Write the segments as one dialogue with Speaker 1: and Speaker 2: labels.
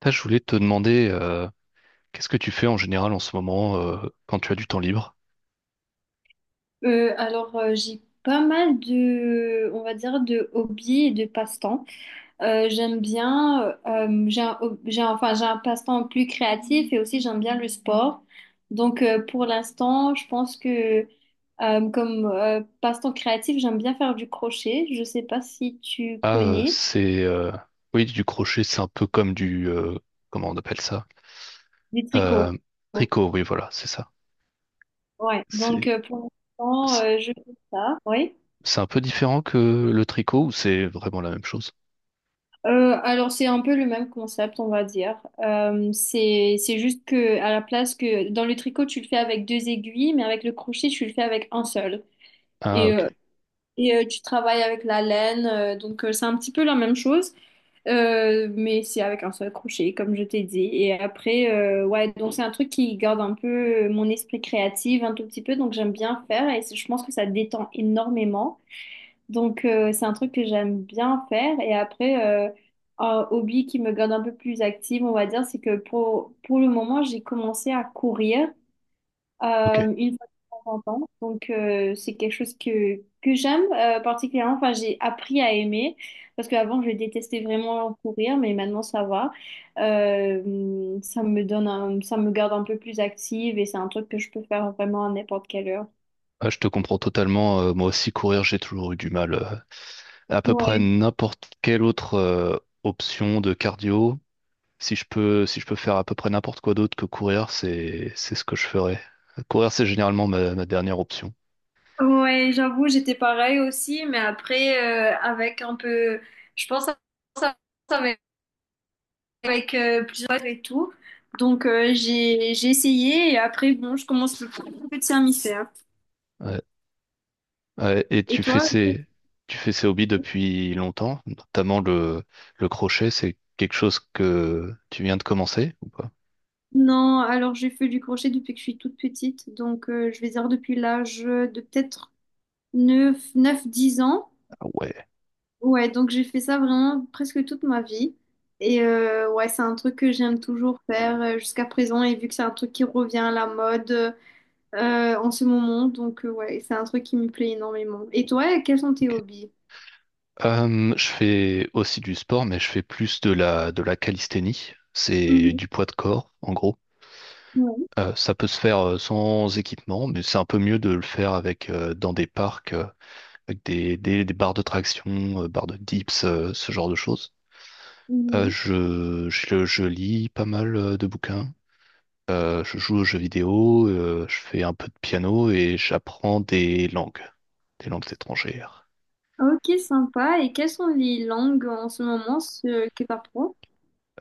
Speaker 1: Ah, je voulais te demander, qu'est-ce que tu fais en général en ce moment, quand tu as du temps libre?
Speaker 2: J'ai pas mal de, on va dire, de hobbies et de passe-temps. J'aime bien, j'ai un passe-temps plus créatif et aussi j'aime bien le sport. Donc, pour l'instant, je pense que comme passe-temps créatif, j'aime bien faire du crochet. Je sais pas si tu
Speaker 1: Ah,
Speaker 2: connais
Speaker 1: c'est oui, du crochet, c'est un peu comme du comment on appelle ça?
Speaker 2: du
Speaker 1: Euh,
Speaker 2: tricot.
Speaker 1: Tricot, oui, voilà, c'est ça.
Speaker 2: Ouais. Donc,
Speaker 1: C'est
Speaker 2: pour l'instant,
Speaker 1: c'est
Speaker 2: je fais ça. Oui.
Speaker 1: c'est un peu différent que le tricot ou c'est vraiment la même chose?
Speaker 2: Alors c'est un peu le même concept, on va dire. C'est juste que à la place que dans le tricot tu le fais avec deux aiguilles, mais avec le crochet tu le fais avec un seul.
Speaker 1: Ah,
Speaker 2: Et
Speaker 1: ok,
Speaker 2: euh, et tu travailles avec la laine, donc c'est un petit peu la même chose, mais c'est avec un seul crochet, comme je t'ai dit. Et après, ouais, donc c'est un truc qui garde un peu mon esprit créatif un tout petit peu, donc j'aime bien faire et je pense que ça détend énormément. Donc, c'est un truc que j'aime bien faire. Et après, un hobby qui me garde un peu plus active, on va dire, c'est que pour le moment, j'ai commencé à courir
Speaker 1: ok.
Speaker 2: une fois de temps en temps. Donc, c'est quelque chose que j'aime particulièrement. Enfin, j'ai appris à aimer parce qu'avant, je détestais vraiment courir, mais maintenant, ça va. Ça me garde un peu plus active et c'est un truc que je peux faire vraiment à n'importe quelle heure.
Speaker 1: Ah, je te comprends totalement. Moi aussi, courir, j'ai toujours eu du mal. À peu près
Speaker 2: Ouais.
Speaker 1: n'importe quelle autre option de cardio. Si je peux faire à peu près n'importe quoi d'autre que courir, c'est ce que je ferais. Courir, c'est généralement ma dernière option.
Speaker 2: Ouais, j'avoue, j'étais pareil aussi, mais après, je pense à ça avec, avec, plusieurs et tout. Donc, j'ai essayé et après, bon, je commence le peu de mammifères.
Speaker 1: Ouais. Ouais, et
Speaker 2: Et
Speaker 1: tu fais
Speaker 2: toi?
Speaker 1: ces, tu fais ces hobbies depuis longtemps, notamment le crochet, c'est quelque chose que tu viens de commencer ou pas?
Speaker 2: Non, alors j'ai fait du crochet depuis que je suis toute petite. Donc, je vais dire depuis l'âge de peut-être neuf, 10 ans.
Speaker 1: Ah ouais,
Speaker 2: Ouais, donc j'ai fait ça vraiment presque toute ma vie. Et ouais, c'est un truc que j'aime toujours faire jusqu'à présent. Et vu que c'est un truc qui revient à la mode en ce moment. Donc, ouais, c'est un truc qui me plaît énormément. Et toi, quels sont tes
Speaker 1: ok.
Speaker 2: hobbies?
Speaker 1: Je fais aussi du sport, mais je fais plus de la calisthénie. C'est
Speaker 2: Mhm.
Speaker 1: du poids de corps, en gros.
Speaker 2: Ouais.
Speaker 1: Ça peut se faire sans équipement, mais c'est un peu mieux de le faire avec dans des parcs, avec des barres de traction, barres de dips, ce genre de choses. Euh,
Speaker 2: Mhm.
Speaker 1: je, je, je lis pas mal de bouquins. Je joue aux jeux vidéo, je fais un peu de piano et j'apprends des langues étrangères.
Speaker 2: Ok, sympa. Et quelles sont les langues en ce moment ce que t'apprends?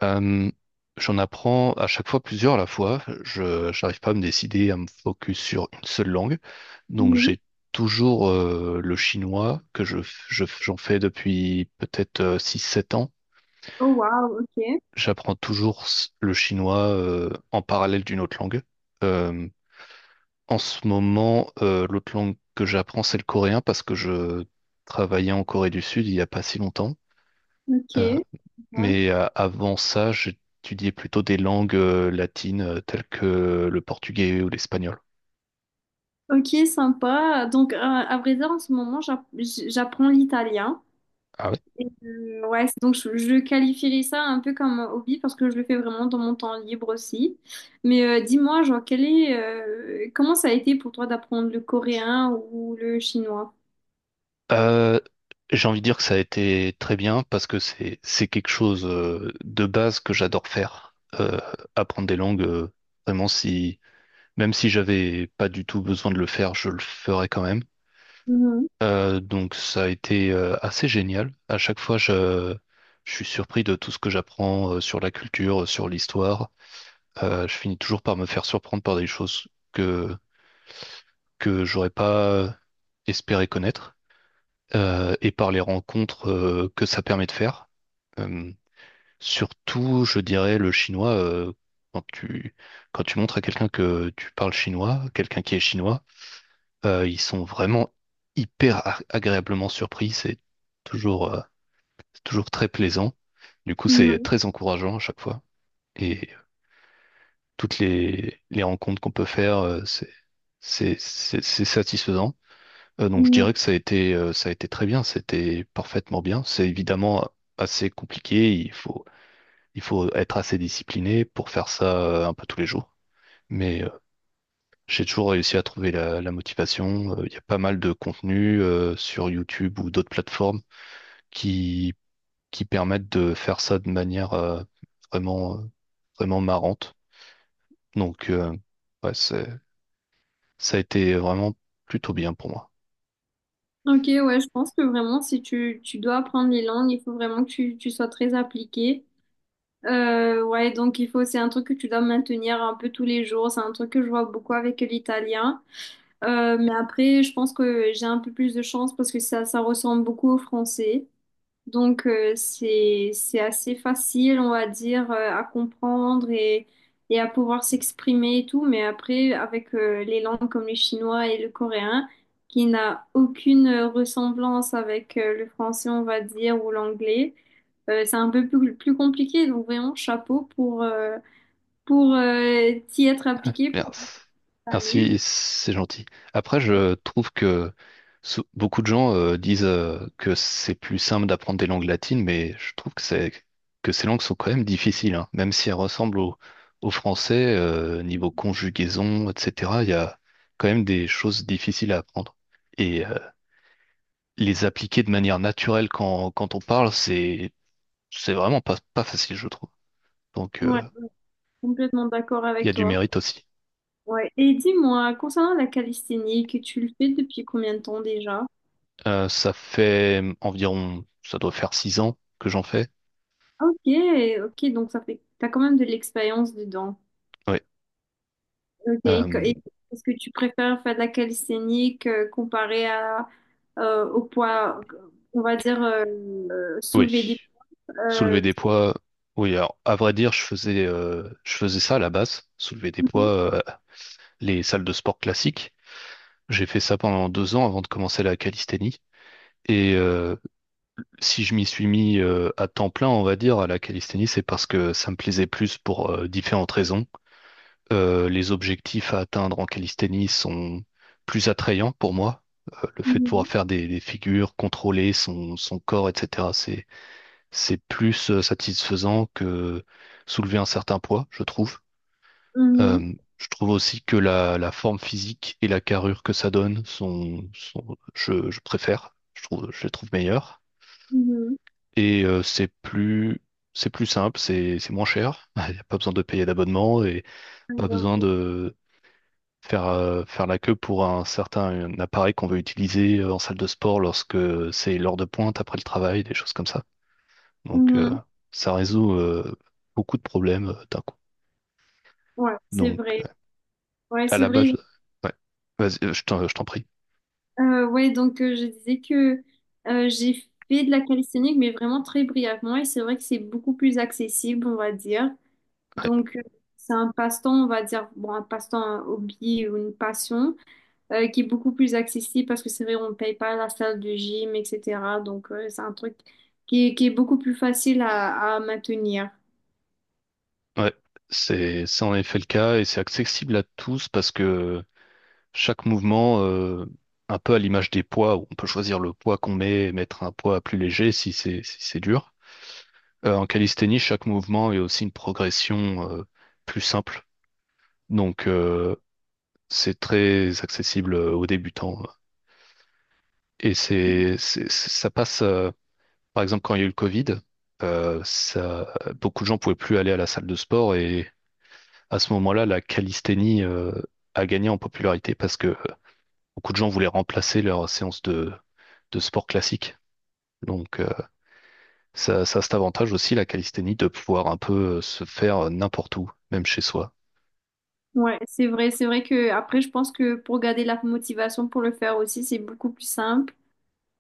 Speaker 1: Euh, j'en apprends à chaque fois plusieurs à la fois. Je n'arrive pas à me décider à me focus sur une seule langue. Donc
Speaker 2: Mhm.
Speaker 1: j'ai toujours le chinois que j'en fais depuis peut-être six sept ans.
Speaker 2: Oh, wow, ok,
Speaker 1: J'apprends toujours le chinois en parallèle d'une autre langue. Euh, en ce moment, l'autre langue que j'apprends, c'est le coréen parce que je travaillais en Corée du Sud il n'y a pas si longtemps.
Speaker 2: ok. Ouais.
Speaker 1: Mais avant ça, j'étudiais plutôt des langues latines telles que le portugais ou l'espagnol.
Speaker 2: Ok, sympa. Donc, à vrai dire, en ce moment, j'apprends l'italien.
Speaker 1: Ah ouais?
Speaker 2: Et, ouais, donc je qualifierais ça un peu comme un hobby parce que je le fais vraiment dans mon temps libre aussi. Mais dis-moi, genre, quel est, comment ça a été pour toi d'apprendre le coréen ou le chinois?
Speaker 1: Euh, j'ai envie de dire que ça a été très bien parce que c'est quelque chose de base que j'adore faire. Apprendre des langues, vraiment si même si j'avais pas du tout besoin de le faire, je le ferais quand même.
Speaker 2: Mhm,
Speaker 1: Donc ça a été assez génial. À chaque fois, je suis surpris de tout ce que j'apprends sur la culture, sur l'histoire. Je finis toujours par me faire surprendre par des choses que j'aurais pas espéré connaître, et par les rencontres que ça permet de faire. Euh, surtout, je dirais, le chinois, quand tu, quand tu montres à quelqu'un que tu parles chinois, quelqu'un qui est chinois, ils sont vraiment hyper agréablement surpris. Toujours, euh, c'est toujours très plaisant. Du coup, c'est
Speaker 2: mhm,
Speaker 1: très encourageant à chaque fois. Et toutes les rencontres qu'on peut faire, c'est satisfaisant. Donc je dirais
Speaker 2: mhm.
Speaker 1: que ça a été très bien, c'était parfaitement bien. C'est évidemment assez compliqué, il faut être assez discipliné pour faire ça un peu tous les jours. Mais j'ai toujours réussi à trouver la motivation. Il y a pas mal de contenus sur YouTube ou d'autres plateformes qui, qui permettent de faire ça de manière vraiment, euh, vraiment marrante. Donc, ouais, ça a été vraiment plutôt bien pour moi.
Speaker 2: Ok, ouais, je pense que vraiment, si tu dois apprendre les langues, il faut vraiment que tu sois très appliqué. Ouais, donc il faut, c'est un truc que tu dois maintenir un peu tous les jours. C'est un truc que je vois beaucoup avec l'italien. Mais après, je pense que j'ai un peu plus de chance parce que ça ressemble beaucoup au français. Donc, c'est assez facile, on va dire, à comprendre et à pouvoir s'exprimer et tout. Mais après, avec les langues comme le chinois et le coréen, qui n'a aucune ressemblance avec le français, on va dire, ou l'anglais, c'est un peu plus compliqué. Donc, vraiment, chapeau pour, t'y être appliqué pour cette
Speaker 1: Merci. Merci,
Speaker 2: année.
Speaker 1: c'est gentil. Après, je trouve que beaucoup de gens disent que c'est plus simple d'apprendre des langues latines, mais je trouve que ces langues sont quand même difficiles, hein. Même si elles ressemblent au français, niveau conjugaison, etc. Il y a quand même des choses difficiles à apprendre. Et euh, les appliquer de manière naturelle quand on parle, c'est vraiment pas facile, je trouve. Donc,
Speaker 2: Ouais, complètement d'accord
Speaker 1: il y
Speaker 2: avec
Speaker 1: a du
Speaker 2: toi.
Speaker 1: mérite aussi.
Speaker 2: Ouais. Et dis-moi, concernant la calisthénie, que tu le fais depuis combien de temps déjà?
Speaker 1: Ça fait environ, ça doit faire 6 ans que j'en fais.
Speaker 2: Ok, ok, donc ça fait, t'as quand même de l'expérience dedans.
Speaker 1: Oui.
Speaker 2: Ok,
Speaker 1: Euh,
Speaker 2: et est-ce que tu préfères faire de la calisthénie comparé à, au poids, on va dire, soulever
Speaker 1: oui.
Speaker 2: des...
Speaker 1: Soulever
Speaker 2: euh,
Speaker 1: des poids. Oui, alors, à vrai dire, je faisais ça à la base, soulever des poids, euh, les salles de sport classiques. J'ai fait ça pendant 2 ans avant de commencer la calisthénie. Et euh, si je m'y suis mis à temps plein, on va dire, à la calisthénie, c'est parce que ça me plaisait plus pour différentes raisons. Les objectifs à atteindre en calisthénie sont plus attrayants pour moi. Le fait de pouvoir
Speaker 2: Mhm,
Speaker 1: faire des figures, contrôler son corps, etc., c'est plus satisfaisant que soulever un certain poids, je trouve.
Speaker 2: mhm,
Speaker 1: Je trouve aussi que la forme physique et la carrure que ça donne je préfère, je trouve, je les trouve meilleures.
Speaker 2: mhm,
Speaker 1: Et euh, c'est plus, c'est plus simple, c'est moins cher. Il n'y a pas besoin de payer d'abonnement et pas besoin de faire la queue pour un certain un appareil qu'on veut utiliser en salle de sport lorsque c'est l'heure de pointe après le travail, des choses comme ça.
Speaker 2: mhm,
Speaker 1: Donc euh,
Speaker 2: mhm.
Speaker 1: ça résout beaucoup de problèmes d'un coup.
Speaker 2: Ouais, c'est
Speaker 1: Donc
Speaker 2: vrai. Ouais,
Speaker 1: à
Speaker 2: c'est
Speaker 1: la
Speaker 2: vrai.
Speaker 1: base, ouais. Vas-y, je t'en prie.
Speaker 2: Ouais, donc je disais que j'ai fait de la calisthenics, mais vraiment très brièvement, et c'est vrai que c'est beaucoup plus accessible, on va dire.
Speaker 1: Ouais.
Speaker 2: Donc c'est un passe-temps, on va dire, bon, un passe-temps, un hobby ou une passion, qui est beaucoup plus accessible parce que c'est vrai, on ne paye pas la salle de gym, etc. Donc c'est un truc qui qui est beaucoup plus facile à maintenir.
Speaker 1: Ouais. C'est en effet le cas et c'est accessible à tous parce que chaque mouvement, un peu à l'image des poids, où on peut choisir le poids qu'on met et mettre un poids plus léger si c'est dur. En calisthénie, chaque mouvement est aussi une progression plus simple. Donc c'est très accessible aux débutants. Et ça passe, par exemple, quand il y a eu le Covid, euh, ça, beaucoup de gens pouvaient plus aller à la salle de sport et à ce moment-là, la calisthénie a gagné en popularité parce que beaucoup de gens voulaient remplacer leur séance de sport classique. Donc, ça a cet avantage aussi, la calisthénie, de pouvoir un peu se faire n'importe où, même chez soi.
Speaker 2: Ouais, c'est vrai que après, je pense que pour garder la motivation pour le faire aussi, c'est beaucoup plus simple.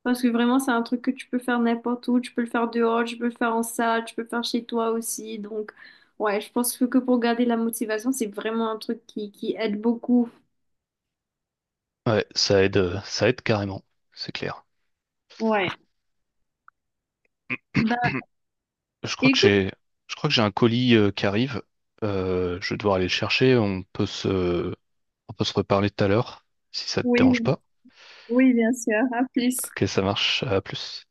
Speaker 2: Parce que vraiment, c'est un truc que tu peux faire n'importe où. Tu peux le faire dehors, tu peux le faire en salle, tu peux le faire chez toi aussi. Donc, ouais, je pense que pour garder la motivation, c'est vraiment un truc qui aide beaucoup.
Speaker 1: Ouais, ça aide carrément, c'est clair.
Speaker 2: Bah,
Speaker 1: Je crois que
Speaker 2: écoute,
Speaker 1: j'ai, je crois que j'ai un colis qui arrive. Je vais devoir aller le chercher. On peut se reparler tout à l'heure, si ça te
Speaker 2: oui,
Speaker 1: dérange pas.
Speaker 2: oui, bien sûr, à plus.
Speaker 1: Ok, ça marche. À plus.